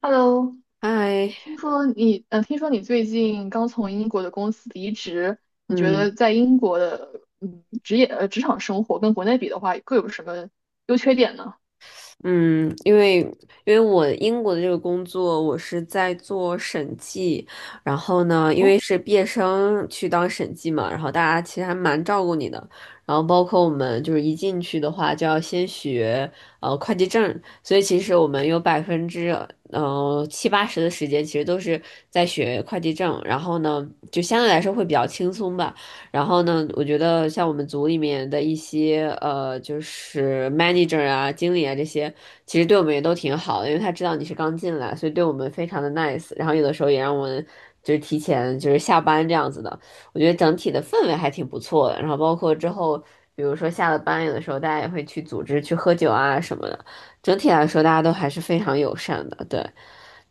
Hello，嗨，听说你最近刚从英国的公司离职，你觉嗯得在英国的，职场生活跟国内比的话，各有什么优缺点呢？嗯，因为我英国的这个工作，我是在做审计，然后呢，因哦，为是毕业生去当审计嘛，然后大家其实还蛮照顾你的，然后包括我们就是一进去的话就要先学会计证，所以其实我们有百分之七八十的时间其实都是在学会计证，然后呢，就相对来说会比较轻松吧。然后呢，我觉得像我们组里面的一些就是 manager 啊、经理啊这些，其实对我们也都挺好的，因为他知道你是刚进来，所以对我们非常的 nice。然后有的时候也让我们就是提前就是下班这样子的，我觉得整体的氛围还挺不错的。然后包括之后，比如说下了班，有的时候大家也会去组织去喝酒啊什么的，整体来说大家都还是非常友善的，对。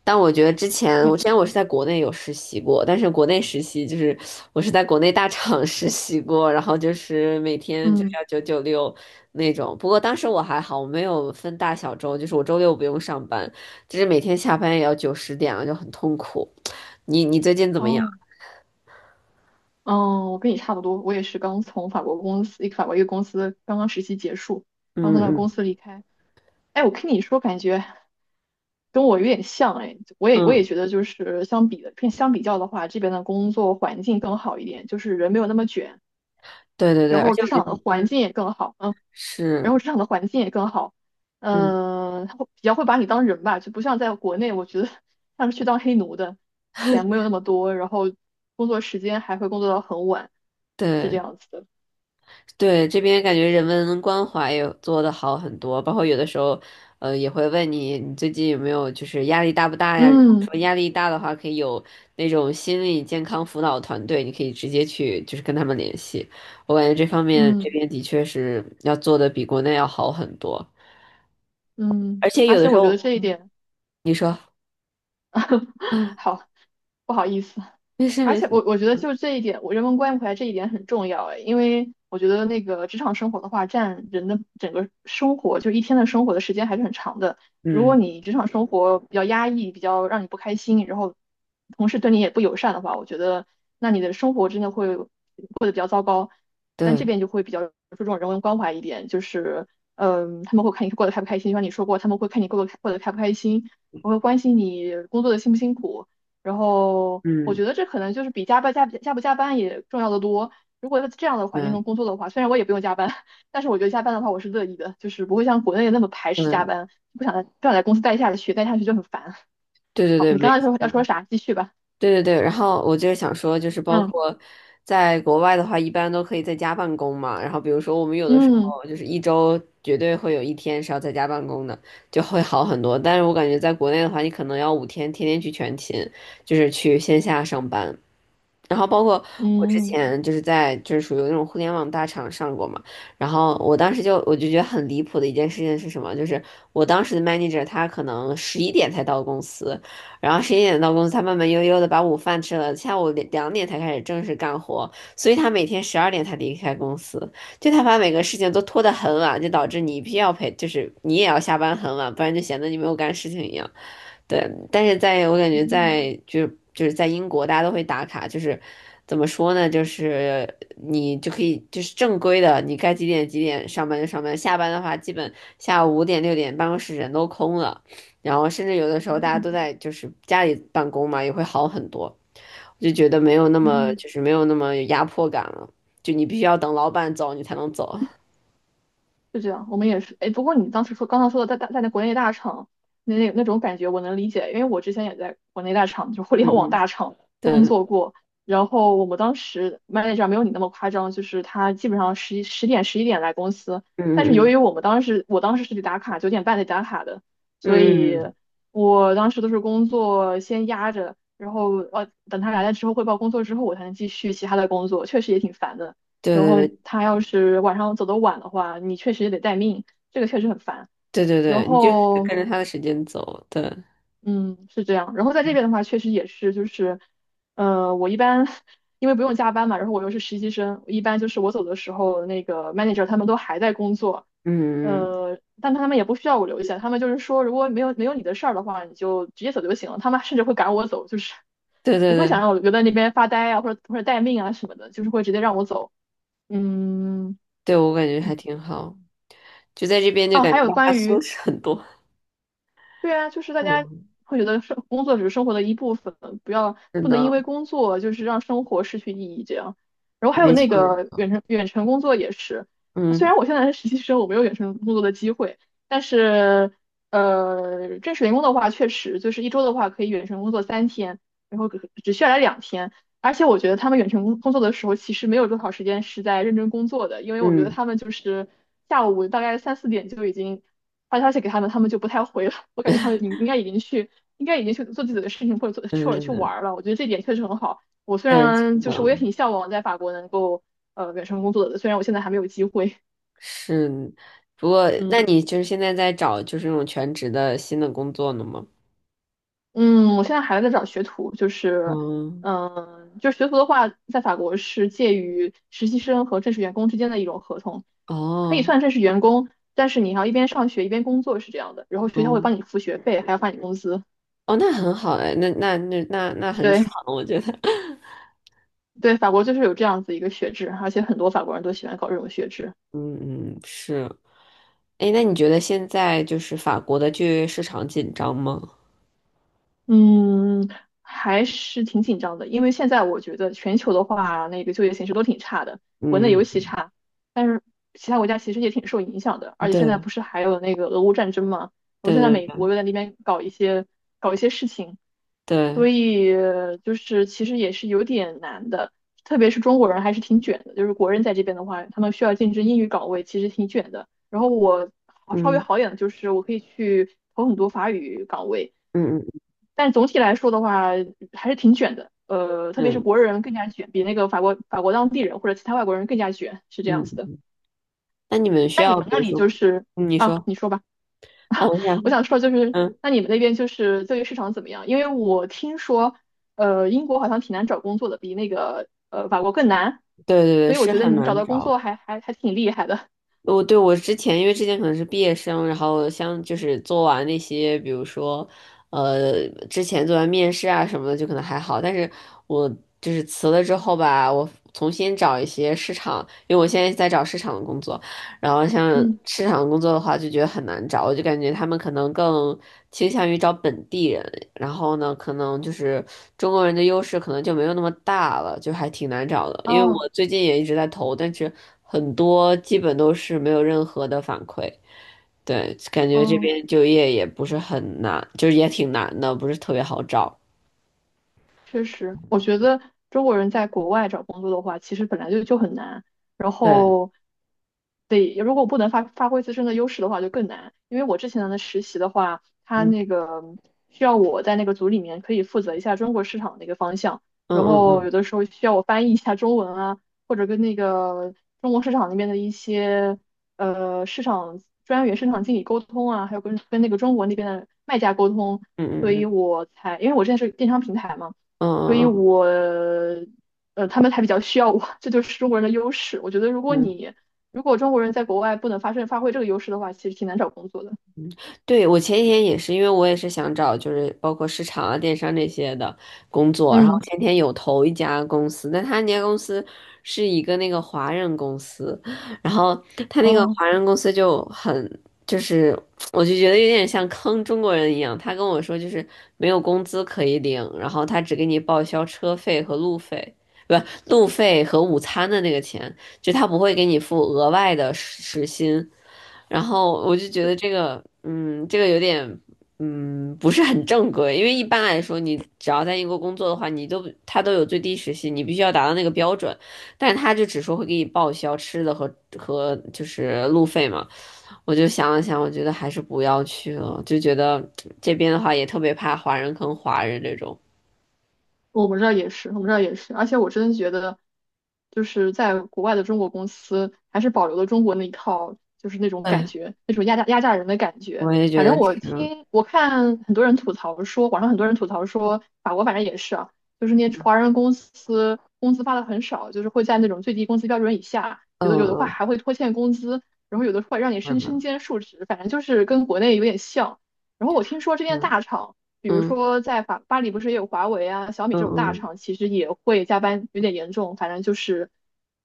但我觉得之前，还我之挺前好。我是在国内有实习过，但是国内实习就是我是在国内大厂 实习过，然后就是每天就嗯，要996那种。不过当时我还好，我没有分大小周，就是我周六不用上班，就是每天下班也要九十点了，就很痛苦。你最近怎么样？哦，嗯，我跟你差不多，我也是刚从法国公司，一个法国一个公司刚刚实习结束，刚嗯从那个嗯公司离开。哎，我听你说，感觉跟我有点像，哎，我也嗯，觉得就是相比较的话，这边的工作环境更好一点，就是人没有那么卷。对对对，然而后且职我觉场得，的环嗯，境也更好，嗯，然是，后职场的环境也更好，嗯，他会比较会把你当人吧，就不像在国内，我觉得像是去当黑奴的，钱没有那么多，然后工作时间还会工作到很晚，是这对。样子的。对，这边感觉人文关怀也做的好很多，包括有的时候，也会问你，你最近有没有就是压力大不大呀？如果嗯说压力大的话，可以有那种心理健康辅导团队，你可以直接去就是跟他们联系。我感觉这方面这嗯边的确是要做的比国内要好很多，而嗯，且而有的且时我觉得候，这一嗯点。你说啊，好，不好意思。没事而没事，且我觉得就这一点，我人文关怀这一点很重要哎，因为我觉得那个职场生活的话，占人的整个生活，就一天的生活的时间还是很长的。如果嗯，你职场生活比较压抑，比较让你不开心，然后同事对你也不友善的话，我觉得那你的生活真的会。但这对，边就会比较注重人文关怀一点，就是他们会看你过得开不开心，就像你说过，他们会看你过得开不开心，我会关心你工作的辛不辛苦，然后我嗯，觉得这可能就是比加班加不加班也重要的多。如果在这样的环境对，中工作的话，虽然我也不用加班，但是我觉得加班的话我是乐意的，就是不会像国内那么排斥加对，班，不想在公司待下去，待下去就很烦。对对好，对，你没刚刚说要说错。啥？继续吧。对对对，然后我就是想说，就是包括在国外的话，一般都可以在家办公嘛。然后比如说我们有的时嗯候就是一周绝对会有一天是要在家办公的，就会好很多。但是我感觉在国内的话，你可能要5天天天去全勤，就是去线下上班。然后包括我之嗯前就是在就是属于那种互联网大厂上过嘛，然后我当时就我就觉得很离谱的一件事情是什么？就是我当时的 manager 他可能11点才到公司，然后十一点到公司，他慢慢悠悠的把午饭吃了，下午两点才开始正式干活，所以他每天12点才离开公司，就他把每个事情都拖得很晚，就导致你必须要陪，就是你也要下班很晚，不然就显得你没有干事情一样。对，但是在我感嗯觉嗯在就是在英国，大家都会打卡，就是怎么说呢？就是你就可以就是正规的，你该几点几点上班就上班，下班的话基本下午五点六点办公室人都空了，然后甚至有的时嗯候大嗯。家嗯都在就是家里办公嘛，也会好很多。我就觉得没有那么嗯。就是没有那么有压迫感了，就你必须要等老板走你才能走。就这样，我们也是。哎，不过你当时说刚刚说的在那国内大厂那种感觉，我能理解，因为我之前也在国内大厂，就互嗯联网嗯，大厂 对，工嗯作过。然后我们当时 manager 没有你那么夸张，就是他基本上十一点来公司，但是由嗯于我们当时我当时是得打卡，9点半得打卡的，所嗯以嗯嗯，我当时都是工作先压着，然后等他来了之后汇报工作之后，我才能继续其他的工作，确实也挺烦的。对然对后对。他要是晚上走得晚的话，你确实也得待命，这个确实很烦。对对然对，你就后，跟着他的时间走，对，嗯，是这样。然后在这边的话，确实也是，就是，我一般 因为不用加班嘛，然后我又是实习生，一般就是我走的时候，那个 manager 他们都还在工作，嗯，但他们也不需要我留下，他们就是说，如果没有你的事儿的话，你就直接走就行了。他们甚至会赶我走，就是对对不会想对，让我留在那边发呆啊，或者待命啊什么的，就是会直接让我走。嗯。对我感觉还嗯。挺好，就在这边就哦，感还觉有大家关松于，弛很多，对啊，就是大家嗯，会觉得生工作只是生活的一部分，不要是不能因的，为工作就是让生活失去意义这样。然后还有没那错，没个错远程工作也是，虽嗯然我现在是实习生，我没有远程工作的机会，但是正式员工的话，确实就是一周的话可以远程工作3天，然后只需要来2天。而且我觉得他们远程工作的时候，其实没有多少时间是在认真工作的，因为我觉得嗯他们就是下午大概三四点就已经。发消息给他们，他们就不太回了。我感觉他们应应该已经去，应该已经去做自己的事情，或者去玩嗯，儿了。我觉得这点确实很好。我虽对，是然就是我也的，挺向往在法国能够远程工作的，虽然我现在还没有机会。是，不过那嗯你就是现在在找就是那种全职的新的工作呢吗？嗯，我现在还在找学徒，就是嗯，就是学徒的话，在法国是介于实习生和正式员工之间的一种合同，可以哦，算正式员工，但是你要一边上学一边工作是这样的，然后学校会哦帮你付学费，还要发你工资。哦，那很好哎，那很对。爽，我觉得，对，法国就是有这样子一个学制，而且很多法国人都喜欢搞这种学制。嗯嗯是。哎，那你觉得现在就是法国的就业市场紧张吗？嗯，还是挺紧张的，因为现在我觉得全球的话，那个就业形势都挺差的，国内尤嗯，其差，但是其他国家其实也挺受影响的，而且现在对不是还有那个俄乌战争嘛，我现在对美对国又在那边搞一些事情，所对，以就是其实也是有点难的，特别是中国人还是挺卷的，就是国人在这边的话，他们需要竞争英语岗位，其实挺卷的。然后稍微嗯好一点的就是我可以去投很多法语岗位。嗯但总体来说的话，还是挺卷的。特别嗯是嗯国人更加卷，比那个法国当地人或者其他外国人更加卷，是这样子的。嗯。那你们需那你要，们比那如里说，就是嗯你啊，说，你说吧，哦，我想我说，想说就是，嗯，那你们那边就是就业市场怎么样？因为我听说，英国好像挺难找工作的，比那个法国更难，对对对，所以我是觉得很你们找难到工找。作还还还挺厉害的。我对我之前，因为之前可能是毕业生，然后像就是做完那些，比如说，之前做完面试啊什么的，就可能还好。但是我就是辞了之后吧，我重新找一些市场，因为我现在在找市场的工作。然后像嗯，市场工作的话，就觉得很难找，我就感觉他们可能更倾向于找本地人，然后呢，可能就是中国人的优势可能就没有那么大了，就还挺难找的。因为哦，我最近也一直在投，但是很多基本都是没有任何的反馈。对，感觉这哦。边就业也不是很难，就是也挺难的，不是特别好找。确实，我觉得中国人在国外找工作的话，其实本来就很难，然对，后得如果不能发挥自身的优势的话，就更难。因为我之前的实习的话，他嗯那个需要我在那个组里面可以负责一下中国市场的一个方向，嗯然嗯后嗯有的时候需要我翻译一下中文啊，或者跟那个中国市场那边的一些市场专员、市场经理沟通啊，还有跟那个中国那边的卖家沟通，嗯所以嗯我才因为我之前是电商平台嘛。嗯所以嗯嗯嗯我他们还比较需要我，这就是中国人的优势。我觉得，嗯。如果中国人在国外不能发挥这个优势的话，其实挺难找工作的。对，我前几天也是，因为我也是想找就是包括市场啊、电商这些的工作，然后嗯，前天有投一家公司，但他那家公司是一个那个华人公司，然后他那个哦。华人公司就很就是，我就觉得有点像坑中国人一样，他跟我说就是没有工资可以领，然后他只给你报销车费和路费。不，路费和午餐的那个钱，就他不会给你付额外的时薪，然后我就觉得这个，这个有点，不是很正规，因为一般来说，你只要在英国工作的话，他都有最低时薪，你必须要达到那个标准，但他就只说会给你报销吃的和就是路费嘛。我就想了想，我觉得还是不要去了，就觉得这边的话也特别怕华人坑华人这种。我们这儿也是，我们这儿也是，而且我真的觉得，就是在国外的中国公司还是保留了中国那一套，就是那种感哎，觉，那种压榨人的感觉。我也觉反正得是，我看很多人吐槽说，网上很多人吐槽说，法国反正也是啊，就是那些华人公司工资发的很少，就是会在那种最低工资标准以下，嗯有的话嗯，还会拖欠工资，然后有的会让你明身白兼数职，反正就是跟国内有点像。然后我听说这边大嗯厂。比如嗯说在法巴黎不是也有华为啊、小米嗯这种大嗯。厂，其实也会加班有点严重，反正就是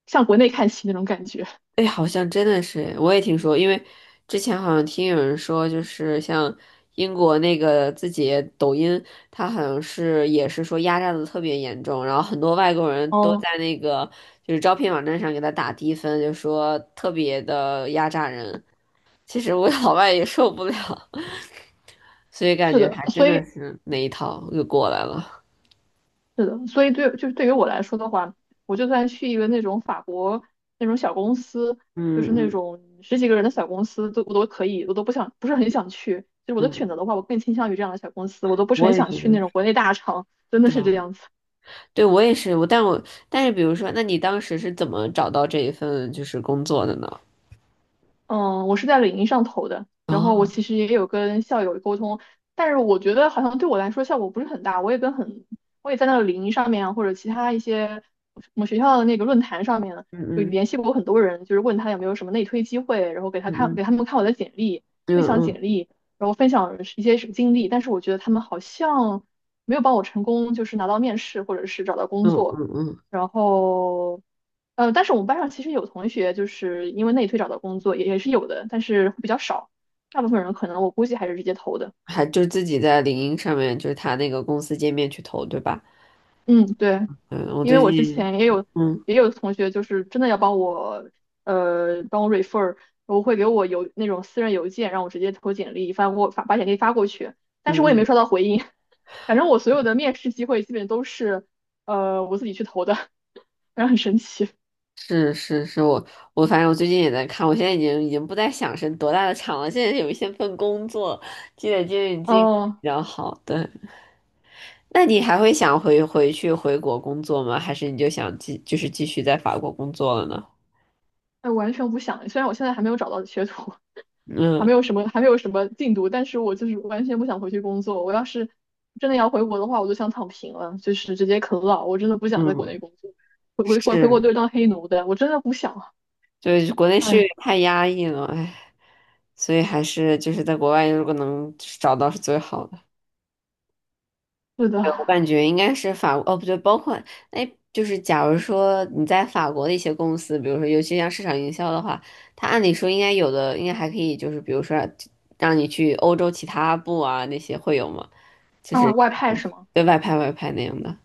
向国内看齐那种感觉。哎，好像真的是，我也听说，因为之前好像听有人说，就是像英国那个自己抖音，它好像是也是说压榨的特别严重，然后很多外国人都哦，在那个就是招聘网站上给他打低分，就说特别的压榨人。其实我 老外也受不了，所以感是觉的，还真所的以是那一套又过来了。对于我来说的话，我就算去一个那种法国那种小公司，就嗯是那嗯种十几个人的小公司，都我都可以，我都不想不是很想去。就是我的选嗯，择的话，我更倾向于这样的小公司，我都不是我很也想觉得去那种是，国内大厂，真的对是吧？这样子。对，我也是，我但我但是，比如说，那你当时是怎么找到这一份就是工作的呢？嗯，我是在领英上投的，然后我哦，其实也有跟校友沟通，但是我觉得好像对我来说效果不是很大。我也在那个领英上面啊，或者其他一些我们学校的那个论坛上面有嗯嗯联系过很多人，就是问他有没有什么内推机会，嗯嗯给他们看我的简历，分享嗯简历，然后分享一些经历，但是我觉得他们好像没有帮我成功，就是拿到面试或者是找到工嗯作。嗯嗯嗯，然后但是我们班上其实有同学就是因为内推找到工作，也是有的，但是比较少。大部分人可能我估计还是直接投的。还就自己在领英上面，就是他那个公司界面去投，对吧？嗯，对，嗯，我因为最我之近，前也有嗯同学就是真的要帮我 refer，我会给我邮那种私人邮件让我直接投简历，发把简历发过去，但是嗯我也没嗯，收到回应。反正我所有的面试机会基本都是我自己去投的，反正很神奇。是是是我反正我最近也在看，我现在已经不再想是多大的厂了，现在有一些份工作积累经验比哦，较好，对，那你还会想回国工作吗？还是你就想继就是继续在法国工作了呢？哎，完全不想，虽然我现在还没有找到学徒。嗯还没有什么进度，但是我就是完全不想回去工作。我要是真的要回国的话，我就想躺平了，就是直接啃老。我真的不想在国嗯，内工作，回国是，都是当黑奴的，我真的不想。就是国内是哎，太压抑了，哎，所以还是就是在国外如果能找到是最好的。是对我的，感觉应该是法国，哦不对，包括哎，就是假如说你在法国的一些公司，比如说尤其像市场营销的话，它按理说应该有的应该还可以，就是比如说让你去欧洲其他部啊那些会有吗？就啊，是外派是吗？对外派外派那样的。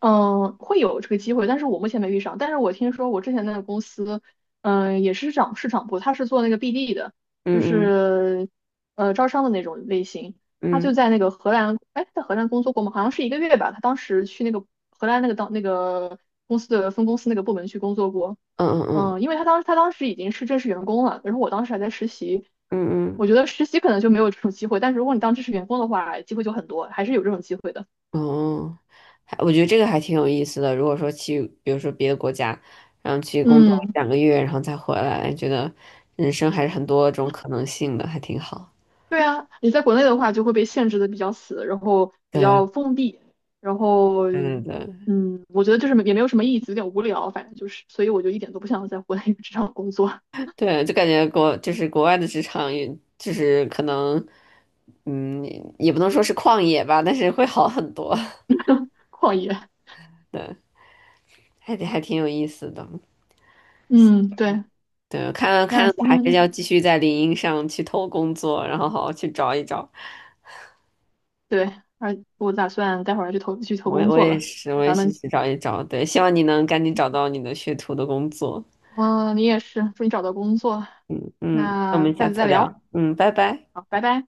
嗯，会有这个机会，但是我目前没遇上。但是我听说我之前那个公司，嗯、也是涨市场部，他是做那个 BD 的，就嗯是招商的那种类型。他嗯就嗯在那个荷兰，哎，在荷兰工作过吗？好像是一个月吧。他当时去那个荷兰那个当那个公司的分公司那个部门去工作过。嗯嗯嗯，因为他当时已经是正式员工了，然后我当时还在实习。嗯我嗯觉得实习可能就没有这种机会，但是如果你当正式员工的话，机会就很多，还是有这种机会的。哦，还我觉得这个还挺有意思的。如果说去，比如说别的国家，然后去工作嗯。2个月，然后再回来，觉得人生还是很多种可能性的，还挺好。对啊，你在国内的话就会被限制的比较死，然后比较对封闭，然后对对对，嗯，我觉得就是也没有什么意思，有点无聊，反正就是，所以我就一点都不想在国内职场工作，对就感觉国就是国外的职场也，就是可能，嗯，也不能说是旷野吧，但是会好很多。旷野。对，还挺有意思的。嗯，对，对，看那看今还是天要继续在领英上去偷工作，然后好好去找一找。对，而我打算待会儿去投我工我作也了。是，那我也咱是们，去找一找。对，希望你能赶紧找到你的学徒的工作。嗯，你也是，祝你找到工作。嗯嗯，那我那们下下次次再聊，聊。嗯，拜拜。好，拜拜。